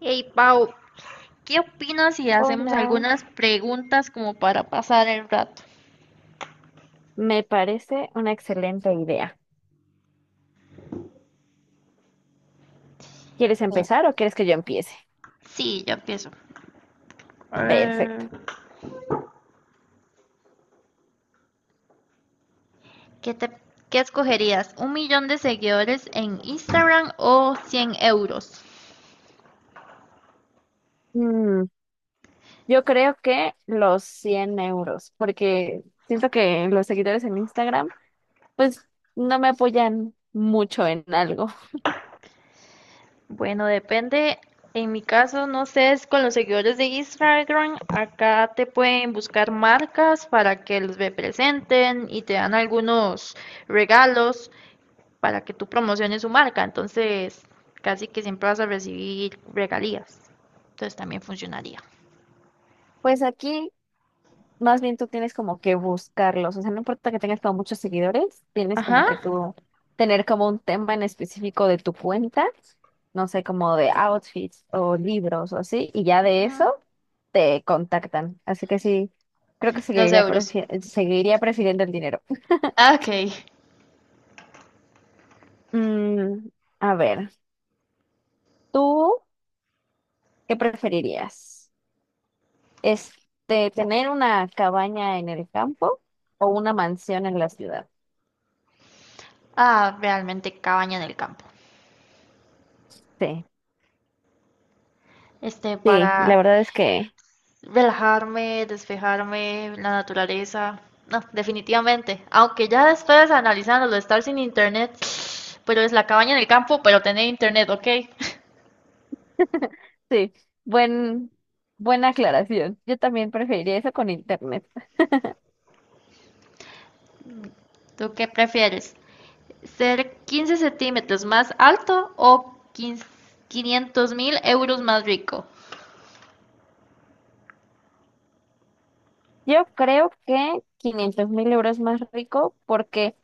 Hey Pau, ¿qué opinas si hacemos Hola, algunas preguntas como para pasar el rato? me parece una excelente idea. ¿Quieres Mira, empezar o quieres que yo empiece? sí, yo empiezo. Perfecto. Eh, ¿qué te, Qué escogerías? ¿Un millón de seguidores en Instagram o 100 euros? Mm, yo creo que los 100 euros, porque siento que los seguidores en Instagram, pues no me apoyan mucho en algo. Bueno, depende. En mi caso, no sé, es con los seguidores de Instagram. Acá te pueden buscar marcas para que los representen y te dan algunos regalos para que tú promociones su marca. Entonces, casi que siempre vas a recibir regalías. Entonces también funcionaría. Pues aquí, más bien tú tienes como que buscarlos, o sea, no importa que tengas como muchos seguidores, tienes como Ajá. que tú tener como un tema en específico de tu cuenta, no sé, como de outfits o libros o así, y ya de Mm, eso. Te contactan. Así que sí, creo que Los seguiría, euros. Seguiría prefiriendo el dinero. Ah, ok. Mm, a ver, ¿tú qué preferirías? ¿Tener una cabaña en el campo o una mansión en la ciudad? Ah, realmente cabaña en el campo. Sí, sí, la Para verdad es que relajarme, despejarme, la naturaleza. No, definitivamente. Aunque ya después analizándolo, estar sin internet, pero es la cabaña en el campo, pero tener internet, ¿ok? sí, buen, buena aclaración. Yo también preferiría eso con internet. ¿Tú qué prefieres? ¿Ser 15 centímetros más alto o 500 mil euros más rico? Yo creo que 500.000 euros más rico porque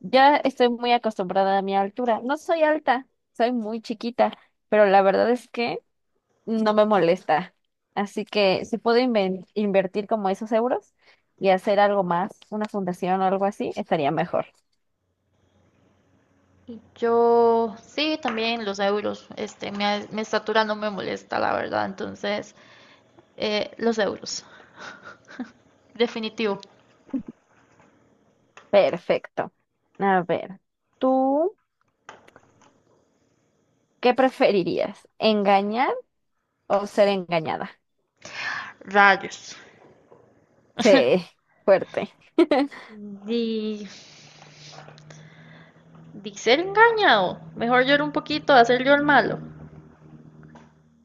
ya estoy muy acostumbrada a mi altura. No soy alta, soy muy chiquita, pero la verdad es que no me molesta. Así que si puedo invertir como esos euros y hacer algo más, una fundación o algo así, estaría mejor. Yo, sí, también los euros. Mi estatura no me molesta, la verdad. Entonces, los euros. Definitivo. Perfecto. A ver, ¿tú qué preferirías? ¿Engañar o ser engañada? Rayos. Sí, fuerte. Di, di ser engañado. Mejor llorar un poquito, hacer yo el malo.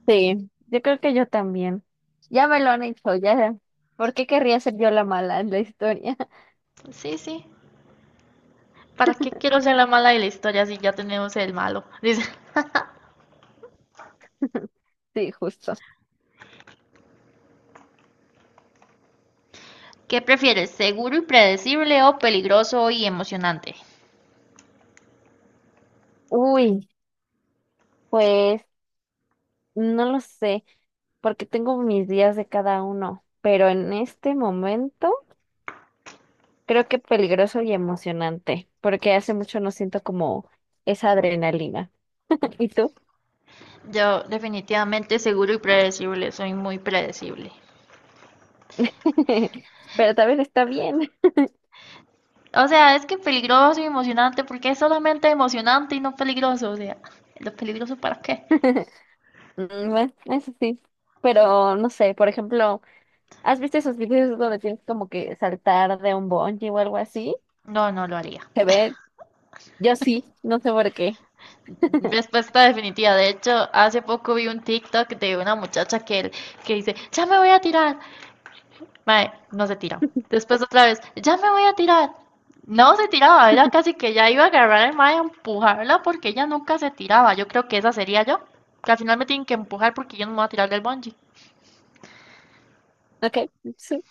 Sí, yo creo que yo también. Ya me lo han hecho, ya. ¿Por qué querría ser yo la mala en la historia? Sí, sí. ¿Para qué quiero ser la mala de la historia si ya tenemos el malo? Dice. Sí, justo. ¿Qué prefieres, seguro y predecible o peligroso y emocionante? Uy, pues no lo sé, porque tengo mis días de cada uno, pero en este momento creo que peligroso y emocionante, porque hace mucho no siento como esa adrenalina. ¿Y tú? Yo definitivamente seguro y predecible, soy muy predecible. Pero también está bien. O sea, es que peligroso y emocionante, porque es solamente emocionante y no peligroso. O sea, ¿lo peligroso para qué? Bueno, eso sí. Pero no sé, por ejemplo. ¿Has visto esos videos donde tienes como que saltar de un bungee o algo así? No, no lo haría. Se ve, yo sí, no sé por qué. Respuesta definitiva. De hecho, hace poco vi un TikTok de una muchacha que dice, ya me voy a tirar, mae, no se tira. Después otra vez, ya me voy a tirar. No se tiraba, era casi que ya iba a agarrar al mae a empujarla porque ella nunca se tiraba. Yo creo que esa sería yo. Que al final me tienen que empujar porque yo no me voy a tirar del bungee. Ok, sí,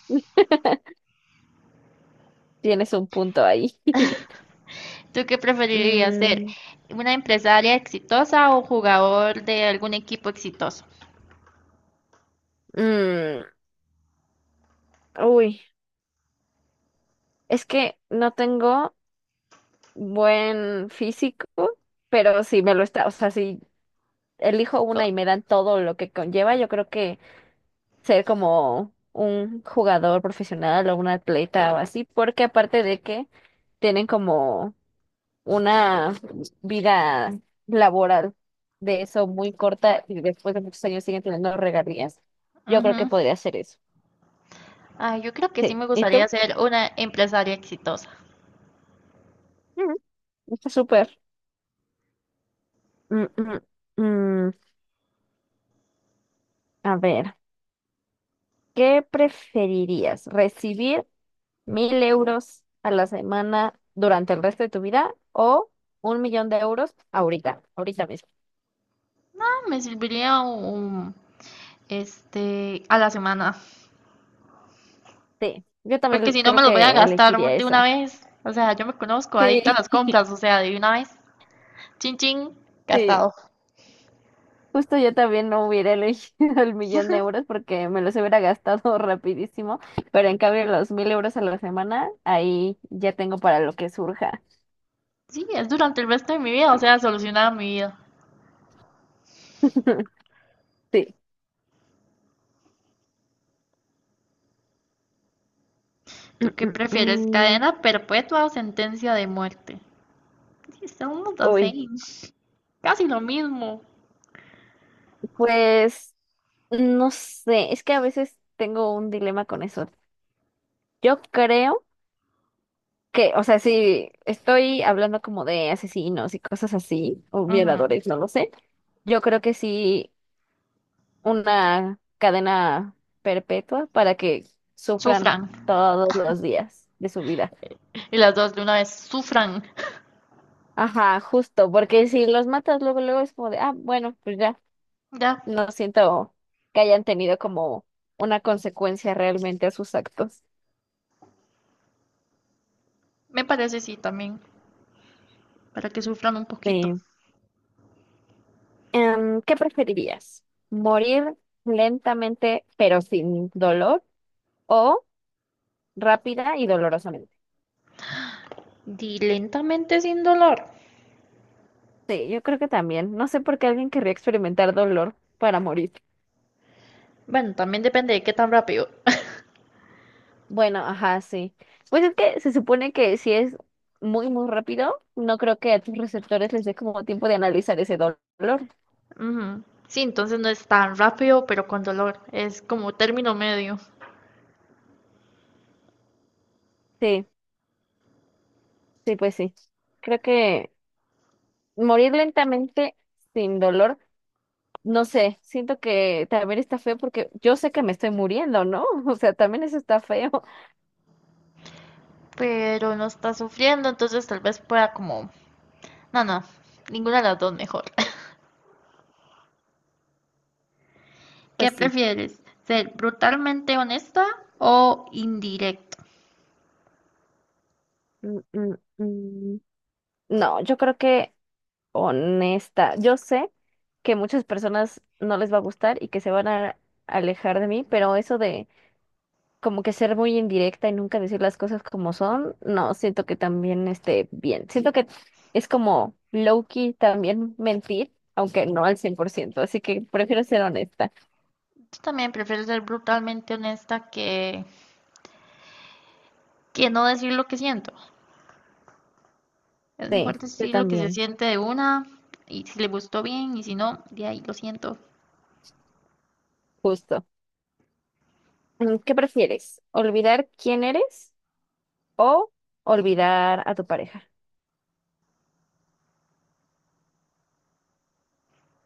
tienes un punto ahí. ¿Tú qué preferirías ser? Mm, ¿Una empresaria exitosa o jugador de algún equipo exitoso? mm, uy, es que no tengo buen físico, pero si me lo está, o sea, si elijo una Co- y me dan todo lo que conlleva, yo creo que ser como un jugador profesional o un atleta o así, porque aparte de que tienen como una vida laboral de eso muy corta y después de muchos años siguen teniendo regalías. Yo creo que Ujú. podría ser eso. Ay, yo creo que sí Sí. me ¿Y gustaría tú? ser una empresaria exitosa. Mm, está súper. Mm, mm, mm. A ver, ¿qué preferirías? ¿Recibir 1.000 euros a la semana durante el resto de tu vida o 1 millón de euros ahorita, ahorita mismo? Ah, me serviría un, este, A la semana. Sí, yo Porque también si no me creo los voy a que gastar elegiría de una eso. vez. O sea, yo me conozco, adicta a Sí, las compras, o sea, de una vez. Chin chin, sí. gastado. Justo yo también no hubiera elegido el 1 millón de euros porque me los hubiera gastado rapidísimo, pero en cambio los 1.000 euros a la semana, ahí ya tengo para lo que surja. Sí, es durante el resto de mi vida, o sea, solucionada mi vida. Sí. Mm, ¿Tú qué mm, prefieres? mm. ¿Cadena perpetua o sentencia de muerte? Sí, somos the Uy, same. Casi lo mismo. pues no sé, es que a veces tengo un dilema con eso. Yo creo que, o sea, si estoy hablando como de asesinos y cosas así, o Ujú. violadores, no lo sé, yo creo que sí una cadena perpetua para que sufran Sufran. todos los días de su vida. Y las dos de una vez, sufran. Ajá, justo, porque si los matas luego, luego es como de, ah, bueno, pues ya, Ya, no siento que hayan tenido como una consecuencia realmente a sus actos. me parece sí también, para que sufran un poquito. Sí. ¿Qué preferirías? ¿Morir lentamente pero sin dolor o rápida y dolorosamente? Di lentamente sin dolor. Sí, yo creo que también. No sé por qué alguien querría experimentar dolor para morir. Bueno, también depende de qué tan rápido. Bueno, ajá, sí. Pues es que se supone que si es muy, muy rápido, no creo que a tus receptores les dé como tiempo de analizar ese dolor. Ujú. Sí, entonces no es tan rápido, pero con dolor. Es como término medio. Sí, sí, pues sí. Creo que morir lentamente sin dolor, no sé, siento que también está feo porque yo sé que me estoy muriendo, ¿no? O sea, también eso está feo. Pero no está sufriendo, entonces tal vez pueda como... No, no, ninguna de las dos mejor. ¿Qué Pues sí. prefieres? ¿Ser brutalmente honesta o indirecto? Mm, mm, mm. No, yo creo que honesta, yo sé que muchas personas no les va a gustar y que se van a alejar de mí, pero eso de como que ser muy indirecta y nunca decir las cosas como son, no, siento que también esté bien. Siento que es como low-key también mentir, aunque no al 100%, así que prefiero ser honesta. Yo también prefiero ser brutalmente honesta que no decir lo que siento. Es mejor Sí, yo decir lo que se también, siente de una, y si le gustó bien y si no, de ahí lo siento. justo. ¿Qué prefieres? ¿Olvidar quién eres o olvidar a tu pareja?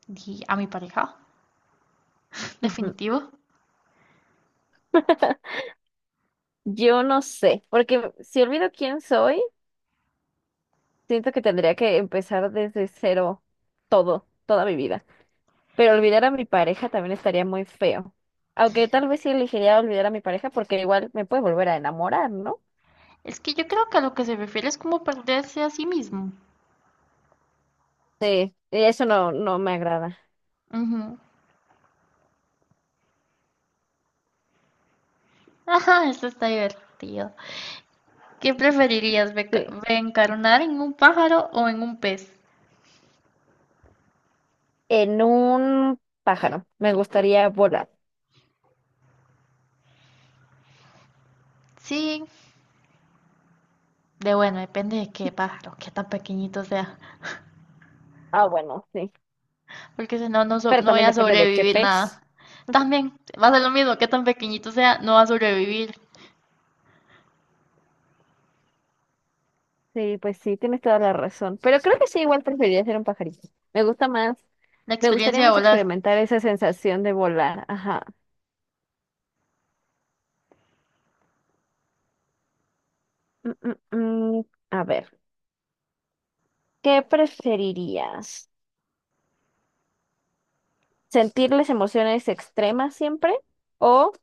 Y a mi pareja, Ujú. definitivo. Yo no sé, porque si olvido quién soy, siento que tendría que empezar desde cero todo, toda mi vida. Pero olvidar a mi pareja también estaría muy feo. Aunque tal vez sí elegiría olvidar a mi pareja porque igual me puede volver a enamorar, ¿no? Es que yo creo que a lo que se refiere es como perderse a sí mismo. Sí, y eso no, no me agrada. Ujú. Ajá, esto está divertido. ¿Qué preferirías, Sí. reencarnar en un pájaro o en un pez? En un pájaro, me gustaría volar. Sí, de bueno, depende de qué pájaro, qué tan pequeñito sea, Ah, bueno, sí. porque si no, Pero no voy también a depende de qué sobrevivir pez. nada. También va a ser lo mismo, qué tan pequeñito sea, no va a sobrevivir. Sí, pues sí, tienes toda la razón. Pero creo que sí, igual preferiría ser un pajarito. Me gusta más, La me gustaría experiencia de más volar. experimentar esa sensación de volar. Ajá. Mm, mm, mm. A ver, ¿qué preferirías? ¿Sentirles emociones extremas siempre o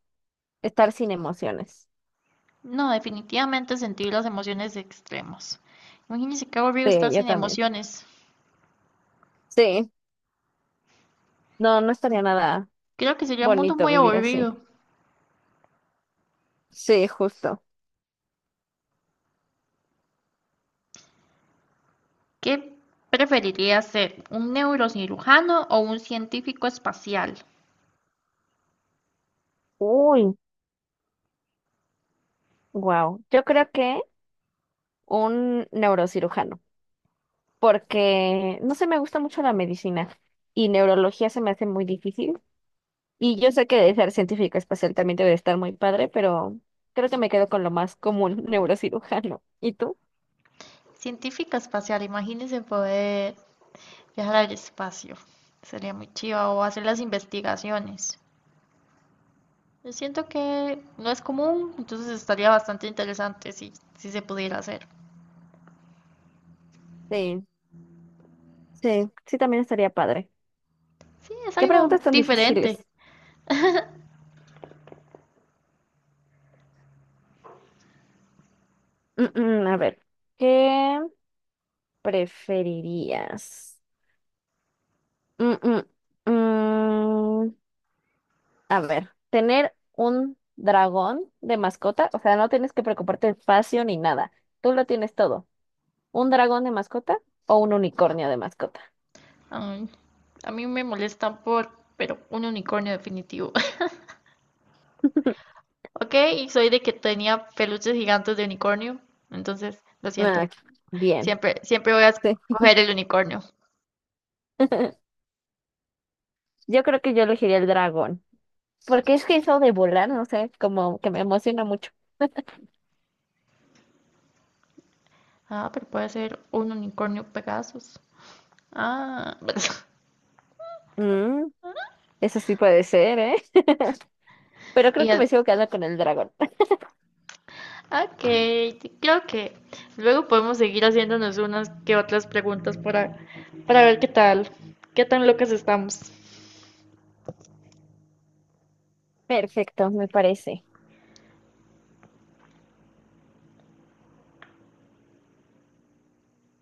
estar sin emociones? No, definitivamente sentir las emociones extremas. Imagínense qué aburrido Sí, estar yo sin también. emociones. Sí, no, no estaría nada Creo que sería un mundo bonito muy vivir aburrido. así. Sí, justo. ¿Qué preferiría ser? ¿Un neurocirujano o un científico espacial? Uy, wow. Yo creo que un neurocirujano, porque no sé, me gusta mucho la medicina y neurología se me hace muy difícil. Y yo sé que de ser científica espacial también debe de estar muy padre, pero creo que me quedo con lo más común, neurocirujano. ¿Y tú? Científica espacial, imagínense poder viajar al espacio. Sería muy chiva o hacer las investigaciones. Yo siento que no es común, entonces estaría bastante interesante si se pudiera hacer. Sí, sí, sí, también estaría padre. Sí, es ¿Qué algo preguntas tan diferente. difíciles? A ver, ¿qué preferirías? Mm, mm, mm, a ver, tener un dragón de mascota, o sea, no tienes que preocuparte de espacio ni nada, tú lo tienes todo. ¿Un dragón de mascota o un unicornio de mascota? Ay, a mí me molestan por, pero un unicornio definitivo. Ok, y soy de que tenía peluches gigantes de unicornio, entonces lo siento. Ah, bien, Siempre, siempre voy a sí. escoger el unicornio. Yo creo que yo elegiría el dragón, porque es que eso de volar, no sé, como que me emociona mucho. Ah, pero puede ser un unicornio Pegasus. Ah, Mm, Eso sí puede ser, ¿eh? Pero y creo que me el- sigo quedando con el dragón. ok, creo que luego podemos seguir haciéndonos unas que otras preguntas para ver qué tal, qué tan locas estamos. Perfecto, me parece.